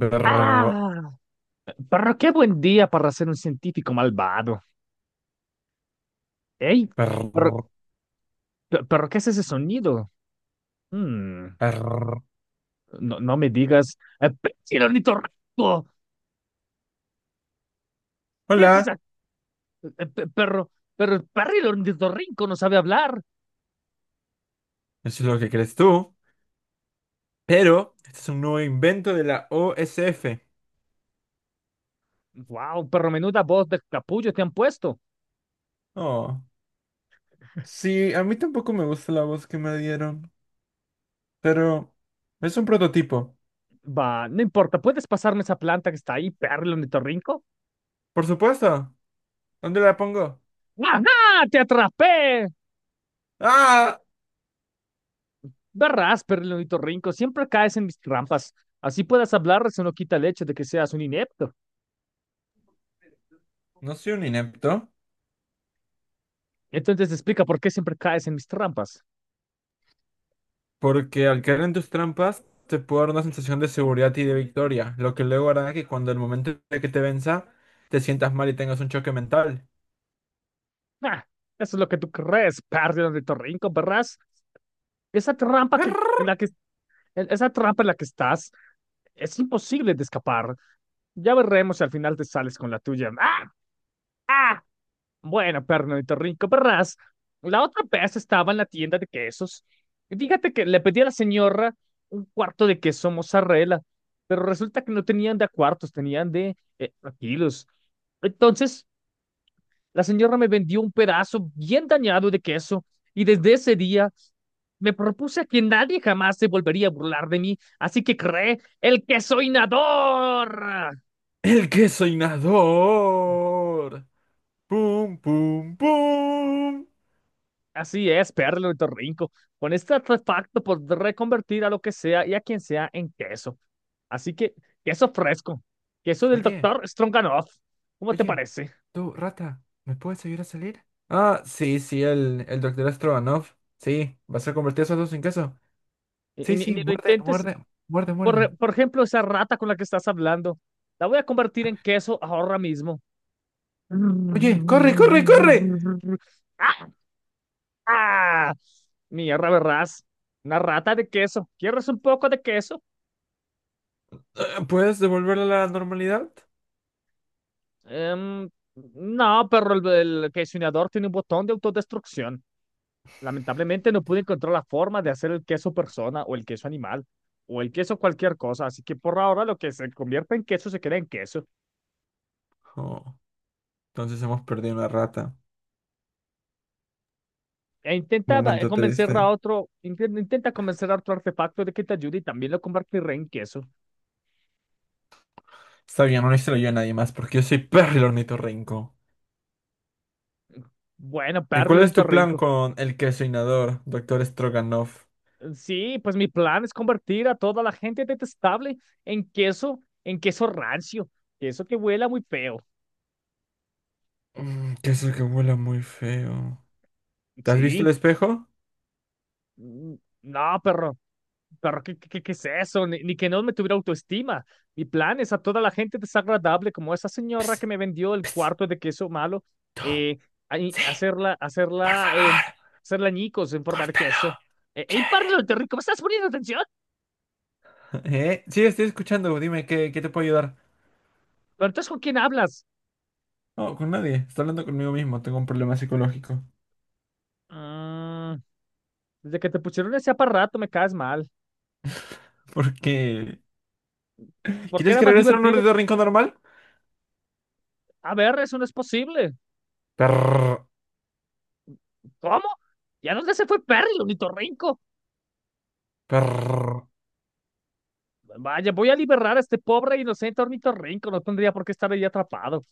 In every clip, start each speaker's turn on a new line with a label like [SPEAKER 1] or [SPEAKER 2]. [SPEAKER 1] Brr,
[SPEAKER 2] Ah, pero qué buen día para ser un científico malvado. Ey, pero,
[SPEAKER 1] brr,
[SPEAKER 2] pero ¿qué es ese sonido? Hmm,
[SPEAKER 1] brr.
[SPEAKER 2] no, no me digas, el ornitorrinco. ¿Qué es
[SPEAKER 1] Hola,
[SPEAKER 2] esa? eh, pe- Pero, pero el perril ornitorrinco no sabe hablar.
[SPEAKER 1] eso es lo que crees tú, pero este es un nuevo invento de la OSF.
[SPEAKER 2] Wow, pero menuda voz de capullo te han puesto.
[SPEAKER 1] Oh, sí, a mí tampoco me gusta la voz que me dieron, pero es un prototipo.
[SPEAKER 2] Va, no importa, ¿puedes pasarme esa planta que está ahí, perril ornitorrinco?
[SPEAKER 1] Por supuesto, ¿dónde la pongo?
[SPEAKER 2] ¡Ajá! ¡Te atrapé!
[SPEAKER 1] ¡Ah!
[SPEAKER 2] Verás, ornitorrinco, siempre caes en mis trampas. Así puedas hablar, eso no quita el hecho de que seas un inepto.
[SPEAKER 1] No soy un inepto,
[SPEAKER 2] Entonces explica por qué siempre caes en mis trampas.
[SPEAKER 1] porque al caer en tus trampas te puedo dar una sensación de seguridad y de victoria, lo que luego hará que cuando el momento de que te venza te sientas mal y tengas un choque mental.
[SPEAKER 2] Ah, eso es lo que tú crees, ornitorrinco, verás. Esa trampa que, en
[SPEAKER 1] Brr.
[SPEAKER 2] la que, en esa trampa en la que estás, es imposible de escapar. Ya veremos si al final te sales con la tuya. ¡Ah! ¡Ah! Bueno, Pernito Rico Perras, la otra vez estaba en la tienda de quesos. Y fíjate que le pedí a la señora un cuarto de queso mozzarella, pero resulta que no tenían de a cuartos, tenían de a kilos. Entonces, la señora me vendió un pedazo bien dañado de queso y desde ese día me propuse a que nadie jamás se volvería a burlar de mí, así que creé el queso inador.
[SPEAKER 1] El queso inador. Pum, pum, pum.
[SPEAKER 2] Así es, Perlo y Torrinco. Con este artefacto por reconvertir a lo que sea y a quien sea en queso. Así que, queso fresco. Queso del
[SPEAKER 1] Oye,
[SPEAKER 2] doctor Stronganoff. ¿Cómo te
[SPEAKER 1] oye,
[SPEAKER 2] parece?
[SPEAKER 1] tú, rata, ¿me puedes ayudar a salir? Ah, sí, sí, el doctor Astrovanov. Sí, vas a convertir esos dos en queso.
[SPEAKER 2] Y
[SPEAKER 1] Sí,
[SPEAKER 2] ni
[SPEAKER 1] sí,
[SPEAKER 2] ni lo
[SPEAKER 1] muerde,
[SPEAKER 2] intentes.
[SPEAKER 1] muerde, muerde, muerde.
[SPEAKER 2] Por ejemplo, esa rata con la que estás hablando. La voy a convertir en queso ahora mismo.
[SPEAKER 1] Oye, corre, corre, corre.
[SPEAKER 2] ¡Ah! ¡Ah! Mierda, verás. Una rata de queso. ¿Quieres un poco de queso?
[SPEAKER 1] ¿Puedes devolverle la normalidad?
[SPEAKER 2] Em, no, pero el quesionador tiene un botón de autodestrucción. Lamentablemente no pude encontrar la forma de hacer el queso persona o el queso animal o el queso cualquier cosa, así que por ahora lo que se convierte en queso se queda en queso.
[SPEAKER 1] Oh, entonces hemos perdido una rata.
[SPEAKER 2] E
[SPEAKER 1] Momento
[SPEAKER 2] convencer a
[SPEAKER 1] triste.
[SPEAKER 2] otro, intenta convencer a otro artefacto de que te ayude y también lo convertiré en queso.
[SPEAKER 1] Está bien, no lo yo a nadie más porque yo soy Perry el ornitorrinco.
[SPEAKER 2] Bueno,
[SPEAKER 1] ¿Y
[SPEAKER 2] perro,
[SPEAKER 1] cuál
[SPEAKER 2] lo
[SPEAKER 1] es tu plan
[SPEAKER 2] interrinco.
[SPEAKER 1] con el queso inodoro, doctor Stroganoff?
[SPEAKER 2] Sí, pues mi plan es convertir a toda la gente detestable en queso rancio, queso que huela muy feo.
[SPEAKER 1] Mm, queso que huela muy feo. ¿Te has visto el
[SPEAKER 2] Sí.
[SPEAKER 1] espejo?
[SPEAKER 2] Mm, no, perro, perro, ¿qué es eso? Ni que no me tuviera autoestima, ni planes, a toda la gente desagradable, como esa
[SPEAKER 1] Ps,
[SPEAKER 2] señora que me vendió el
[SPEAKER 1] ps,
[SPEAKER 2] cuarto de queso malo,
[SPEAKER 1] tú,
[SPEAKER 2] eh, ahí,
[SPEAKER 1] sí, por
[SPEAKER 2] hacerla,
[SPEAKER 1] favor,
[SPEAKER 2] hacerla ñicos en forma de queso.
[SPEAKER 1] córtalo,
[SPEAKER 2] ¡Ey,
[SPEAKER 1] chévere.
[SPEAKER 2] páralo, te rico! ¿Me estás poniendo atención?
[SPEAKER 1] ¿Eh? Sí, estoy escuchando, dime, qué te puedo ayudar?
[SPEAKER 2] Pero entonces, ¿con quién hablas?
[SPEAKER 1] No, con nadie, estoy hablando conmigo mismo, tengo un problema psicológico.
[SPEAKER 2] Mm, desde que te pusieron ese aparato me caes mal.
[SPEAKER 1] ¿Por qué?
[SPEAKER 2] Porque
[SPEAKER 1] ¿Quieres
[SPEAKER 2] era
[SPEAKER 1] que
[SPEAKER 2] más
[SPEAKER 1] regrese a un
[SPEAKER 2] divertido.
[SPEAKER 1] orden rincón normal?
[SPEAKER 2] A ver, eso no es posible.
[SPEAKER 1] Perr,
[SPEAKER 2] ¿Cómo? Ya no se fue Perry, el ornitorrinco.
[SPEAKER 1] perr,
[SPEAKER 2] Vaya, voy a liberar a este pobre e inocente ornitorrinco. No tendría por qué estar ahí atrapado.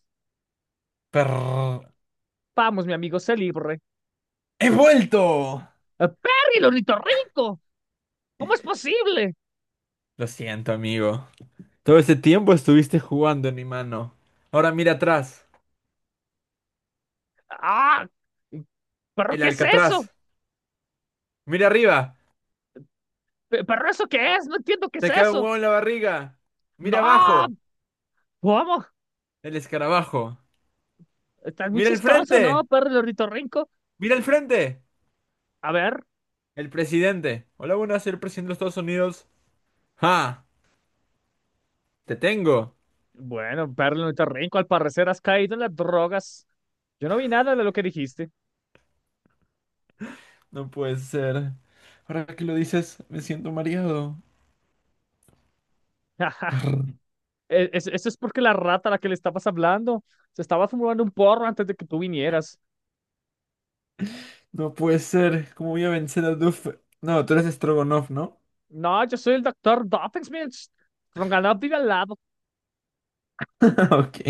[SPEAKER 1] perr.
[SPEAKER 2] Vamos, mi amigo, se libre.
[SPEAKER 1] ¡He vuelto!
[SPEAKER 2] ¡Ah, ¡Perry, el ornitorrinco! ¿Cómo es posible?
[SPEAKER 1] Lo siento, amigo. Todo ese tiempo estuviste jugando en mi mano. Ahora mira atrás,
[SPEAKER 2] ¡Ah! ¿Pero
[SPEAKER 1] el
[SPEAKER 2] qué es eso?
[SPEAKER 1] Alcatraz. Mira arriba,
[SPEAKER 2] ¿Pero eso qué es? No entiendo qué es
[SPEAKER 1] te cae un
[SPEAKER 2] eso.
[SPEAKER 1] huevo en la barriga. Mira
[SPEAKER 2] ¡No!
[SPEAKER 1] abajo,
[SPEAKER 2] ¿Cómo?
[SPEAKER 1] el escarabajo.
[SPEAKER 2] Estás muy
[SPEAKER 1] Mira el
[SPEAKER 2] chistoso,
[SPEAKER 1] frente,
[SPEAKER 2] ¿no, Perry, el ornitorrinco?
[SPEAKER 1] mira el frente,
[SPEAKER 2] A ver.
[SPEAKER 1] el presidente. Hola, buenas, soy el presidente de los Estados Unidos. ¡Ja! ¡Te tengo!
[SPEAKER 2] Bueno, Perry, el ornitorrinco, al parecer has caído en las drogas. Yo no vi nada de lo que dijiste.
[SPEAKER 1] No puede ser. Ahora que lo dices, me siento mareado. Brr,
[SPEAKER 2] Eso es porque la rata a la que le estabas hablando se estaba fumando un porro antes de que tú vinieras.
[SPEAKER 1] No puede ser. ¿Cómo voy a vencer a Duff? No, tú eres Strogonoff, ¿no?
[SPEAKER 2] No, yo soy el doctor Doofenshmirtz. Stronganoff vive al lado.
[SPEAKER 1] Ok.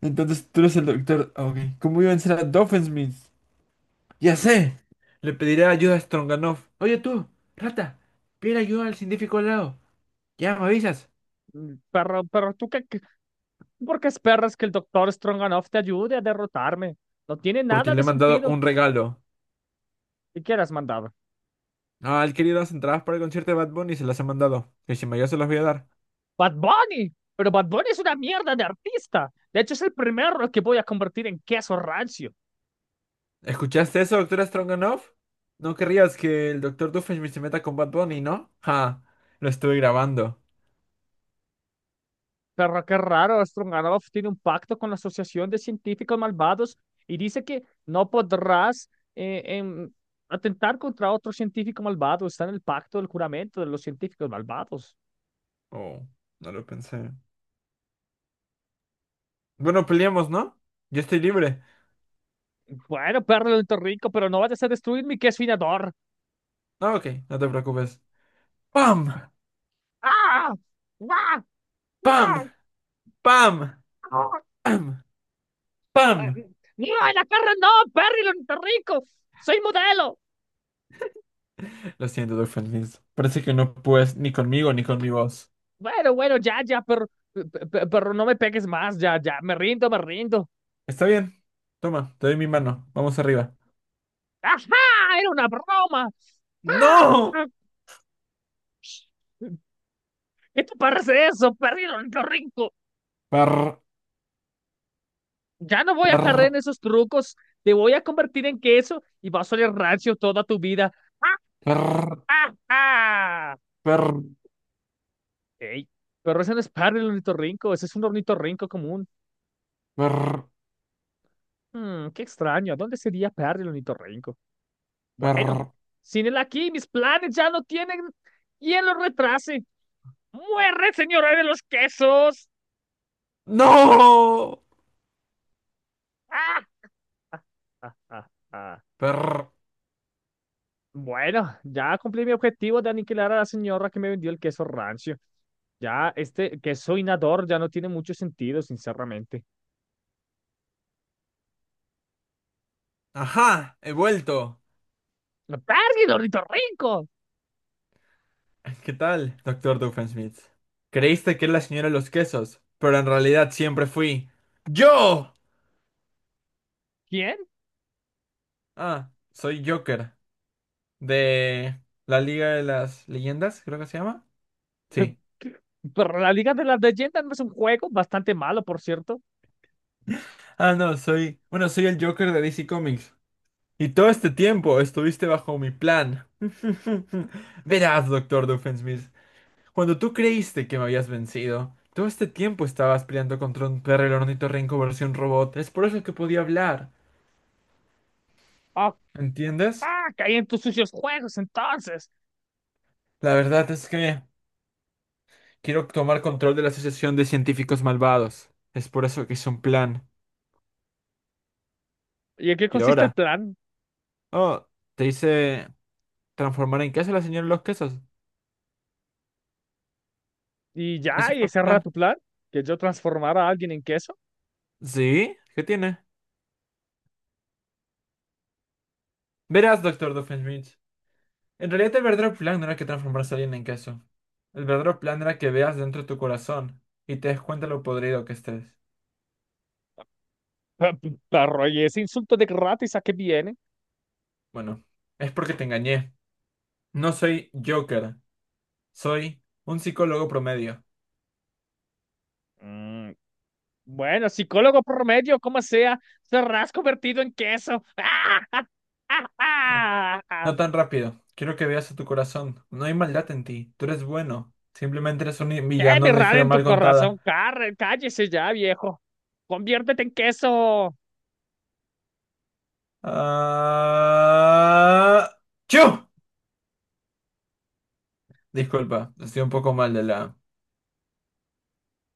[SPEAKER 1] Entonces tú eres el doctor. Ah, ok. ¿Cómo iban a ser a Doofenshmirtz? Ya sé. Le pediré ayuda a Stroganoff. Oye tú, rata, pide ayuda al científico al lado. Ya me avisas.
[SPEAKER 2] Mm, pero, ¿por qué esperas que el doctor Stronganoff te ayude a derrotarme? No tiene
[SPEAKER 1] Porque
[SPEAKER 2] nada
[SPEAKER 1] le
[SPEAKER 2] de
[SPEAKER 1] he mandado
[SPEAKER 2] sentido.
[SPEAKER 1] un regalo.
[SPEAKER 2] ¿Y quién has mandado?
[SPEAKER 1] Ah, él quería las entradas para el concierto de Bad Bunny y se las he mandado. Que si me ayuda se las voy a dar.
[SPEAKER 2] Bad Bunny. Pero Bad Bunny es una mierda de artista. De hecho, es el primero que voy a convertir en queso rancio.
[SPEAKER 1] ¿Escuchaste eso, doctora Stroganoff? No querrías que el doctor Doofenshmirtz se meta con Bad Bunny, ¿no? Ja, lo estuve grabando.
[SPEAKER 2] Pero qué raro, Strunganov tiene un pacto con la Asociación de Científicos Malvados y dice que no podrás eh, em, atentar contra otro científico malvado. Está en el pacto del juramento de los científicos malvados.
[SPEAKER 1] Oh, no lo pensé. Bueno, peleamos, ¿no? Yo estoy libre.
[SPEAKER 2] Bueno, perro del rico, pero no vayas a destruir mi queso finador.
[SPEAKER 1] Ah, ok, no te preocupes. ¡Pam!
[SPEAKER 2] ¡Ah! ¡Ah!
[SPEAKER 1] ¡Pam! ¡Pam!
[SPEAKER 2] ¡Ah!
[SPEAKER 1] ¡Pam! ¡Pam!
[SPEAKER 2] ¡Ah! ¡No, en la cara no, perro lento rico! ¡Soy modelo!
[SPEAKER 1] Lo siento, Dolphin Mills. Parece que no puedes ni conmigo ni con mi voz.
[SPEAKER 2] Bueno, bueno, ya, ya, pero, pe- pero no me pegues más, ya, ya, me rindo, me rindo.
[SPEAKER 1] Está bien. Toma, te doy mi mano. Vamos arriba.
[SPEAKER 2] ¡Ajá! ¡Era una broma!
[SPEAKER 1] ¡No!
[SPEAKER 2] Esto parece eso, perdieron lo rico.
[SPEAKER 1] Per,
[SPEAKER 2] Ya no voy a
[SPEAKER 1] per,
[SPEAKER 2] caer en esos trucos. Te voy a convertir en queso y vas a oler rancio toda tu vida. ¡Ah,
[SPEAKER 1] per,
[SPEAKER 2] ah, ah!
[SPEAKER 1] per,
[SPEAKER 2] Ey, pero ese no es Perry el ornitorrinco, ese es un ornitorrinco común.
[SPEAKER 1] per,
[SPEAKER 2] Hmm, qué extraño, ¿dónde sería Perry el ornitorrinco?
[SPEAKER 1] per.
[SPEAKER 2] Bueno, sin él aquí, mis planes ya no tienen y quien los retrase. ¡Muere, señora de los quesos!
[SPEAKER 1] ¡No!
[SPEAKER 2] ¡Ah! Ah, ah, ah.
[SPEAKER 1] Per.
[SPEAKER 2] Bueno, ya cumplí mi objetivo de aniquilar a la señora que me vendió el queso rancio. Ya este queso inador ya no tiene mucho sentido, sinceramente.
[SPEAKER 1] Ajá, he vuelto.
[SPEAKER 2] ¡Perdido, rico!
[SPEAKER 1] ¿Qué tal, doctor Doofenshmirtz? Creíste que era la señora de los quesos, pero en realidad siempre fui yo.
[SPEAKER 2] ¿Quién?
[SPEAKER 1] Ah, soy Joker de la Liga de las Leyendas, creo que se llama. Sí.
[SPEAKER 2] Pero la Liga de las Leyendas no es un juego bastante malo, por cierto.
[SPEAKER 1] Ah, no, soy, bueno, soy el Joker de DC Comics. Y todo este tiempo estuviste bajo mi plan. Verás, doctor Doofenshmirtz, cuando tú creíste que me habías vencido, todo este tiempo estabas peleando contra un perro el ornitorrinco versión robot. Es por eso que podía hablar.
[SPEAKER 2] Ah,
[SPEAKER 1] ¿Entiendes?
[SPEAKER 2] ah, caí en tus sucios juegos, entonces.
[SPEAKER 1] La verdad es que quiero tomar control de la Asociación de Científicos Malvados. Es por eso que hice un plan.
[SPEAKER 2] ¿Y en qué
[SPEAKER 1] Y
[SPEAKER 2] consiste el
[SPEAKER 1] ahora,
[SPEAKER 2] plan?
[SPEAKER 1] oh, te hice ¿transformar en queso a la señora de los quesos?
[SPEAKER 2] Y ya,
[SPEAKER 1] ¿Ese
[SPEAKER 2] y
[SPEAKER 1] fue el
[SPEAKER 2] ese era
[SPEAKER 1] plan?
[SPEAKER 2] tu plan, que yo transformara a alguien en queso.
[SPEAKER 1] ¿Sí? ¿Qué tiene? Verás, doctor Doofenshmirtz. En realidad el verdadero plan no era que transformarse a alguien en queso. El verdadero plan era que veas dentro de tu corazón y te des cuenta lo podrido que estés.
[SPEAKER 2] Pa- Pero, y ese insulto de gratis, ¿a qué viene?
[SPEAKER 1] Bueno, es porque te engañé. No soy Joker. Soy un psicólogo promedio.
[SPEAKER 2] Mm, bueno, psicólogo promedio, como sea, serás convertido en queso. ¡Ah! ¡Ah! ¡Ah! ¡Ah! ¡Ah!
[SPEAKER 1] No tan rápido. Quiero que veas a tu corazón. No hay maldad en ti. Tú eres bueno. Simplemente eres un
[SPEAKER 2] ¡Qué
[SPEAKER 1] villano, de una
[SPEAKER 2] mirada
[SPEAKER 1] historia
[SPEAKER 2] en tu
[SPEAKER 1] mal
[SPEAKER 2] corazón!
[SPEAKER 1] contada.
[SPEAKER 2] Carre, cállese ya, viejo. Conviértete en queso.
[SPEAKER 1] Ah... ¡Chu! Disculpa, estoy un poco mal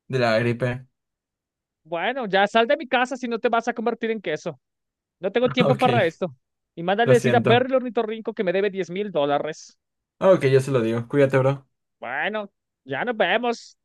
[SPEAKER 1] de la gripe.
[SPEAKER 2] Bueno, ya sal de mi casa si no te vas a convertir en queso. No tengo tiempo para
[SPEAKER 1] Ok,
[SPEAKER 2] esto. Y mándale
[SPEAKER 1] lo
[SPEAKER 2] decir a Perry
[SPEAKER 1] siento.
[SPEAKER 2] el ornitorrinco que me debe $10.000.
[SPEAKER 1] Ok, yo se lo digo. Cuídate, bro.
[SPEAKER 2] Bueno, ya nos vemos.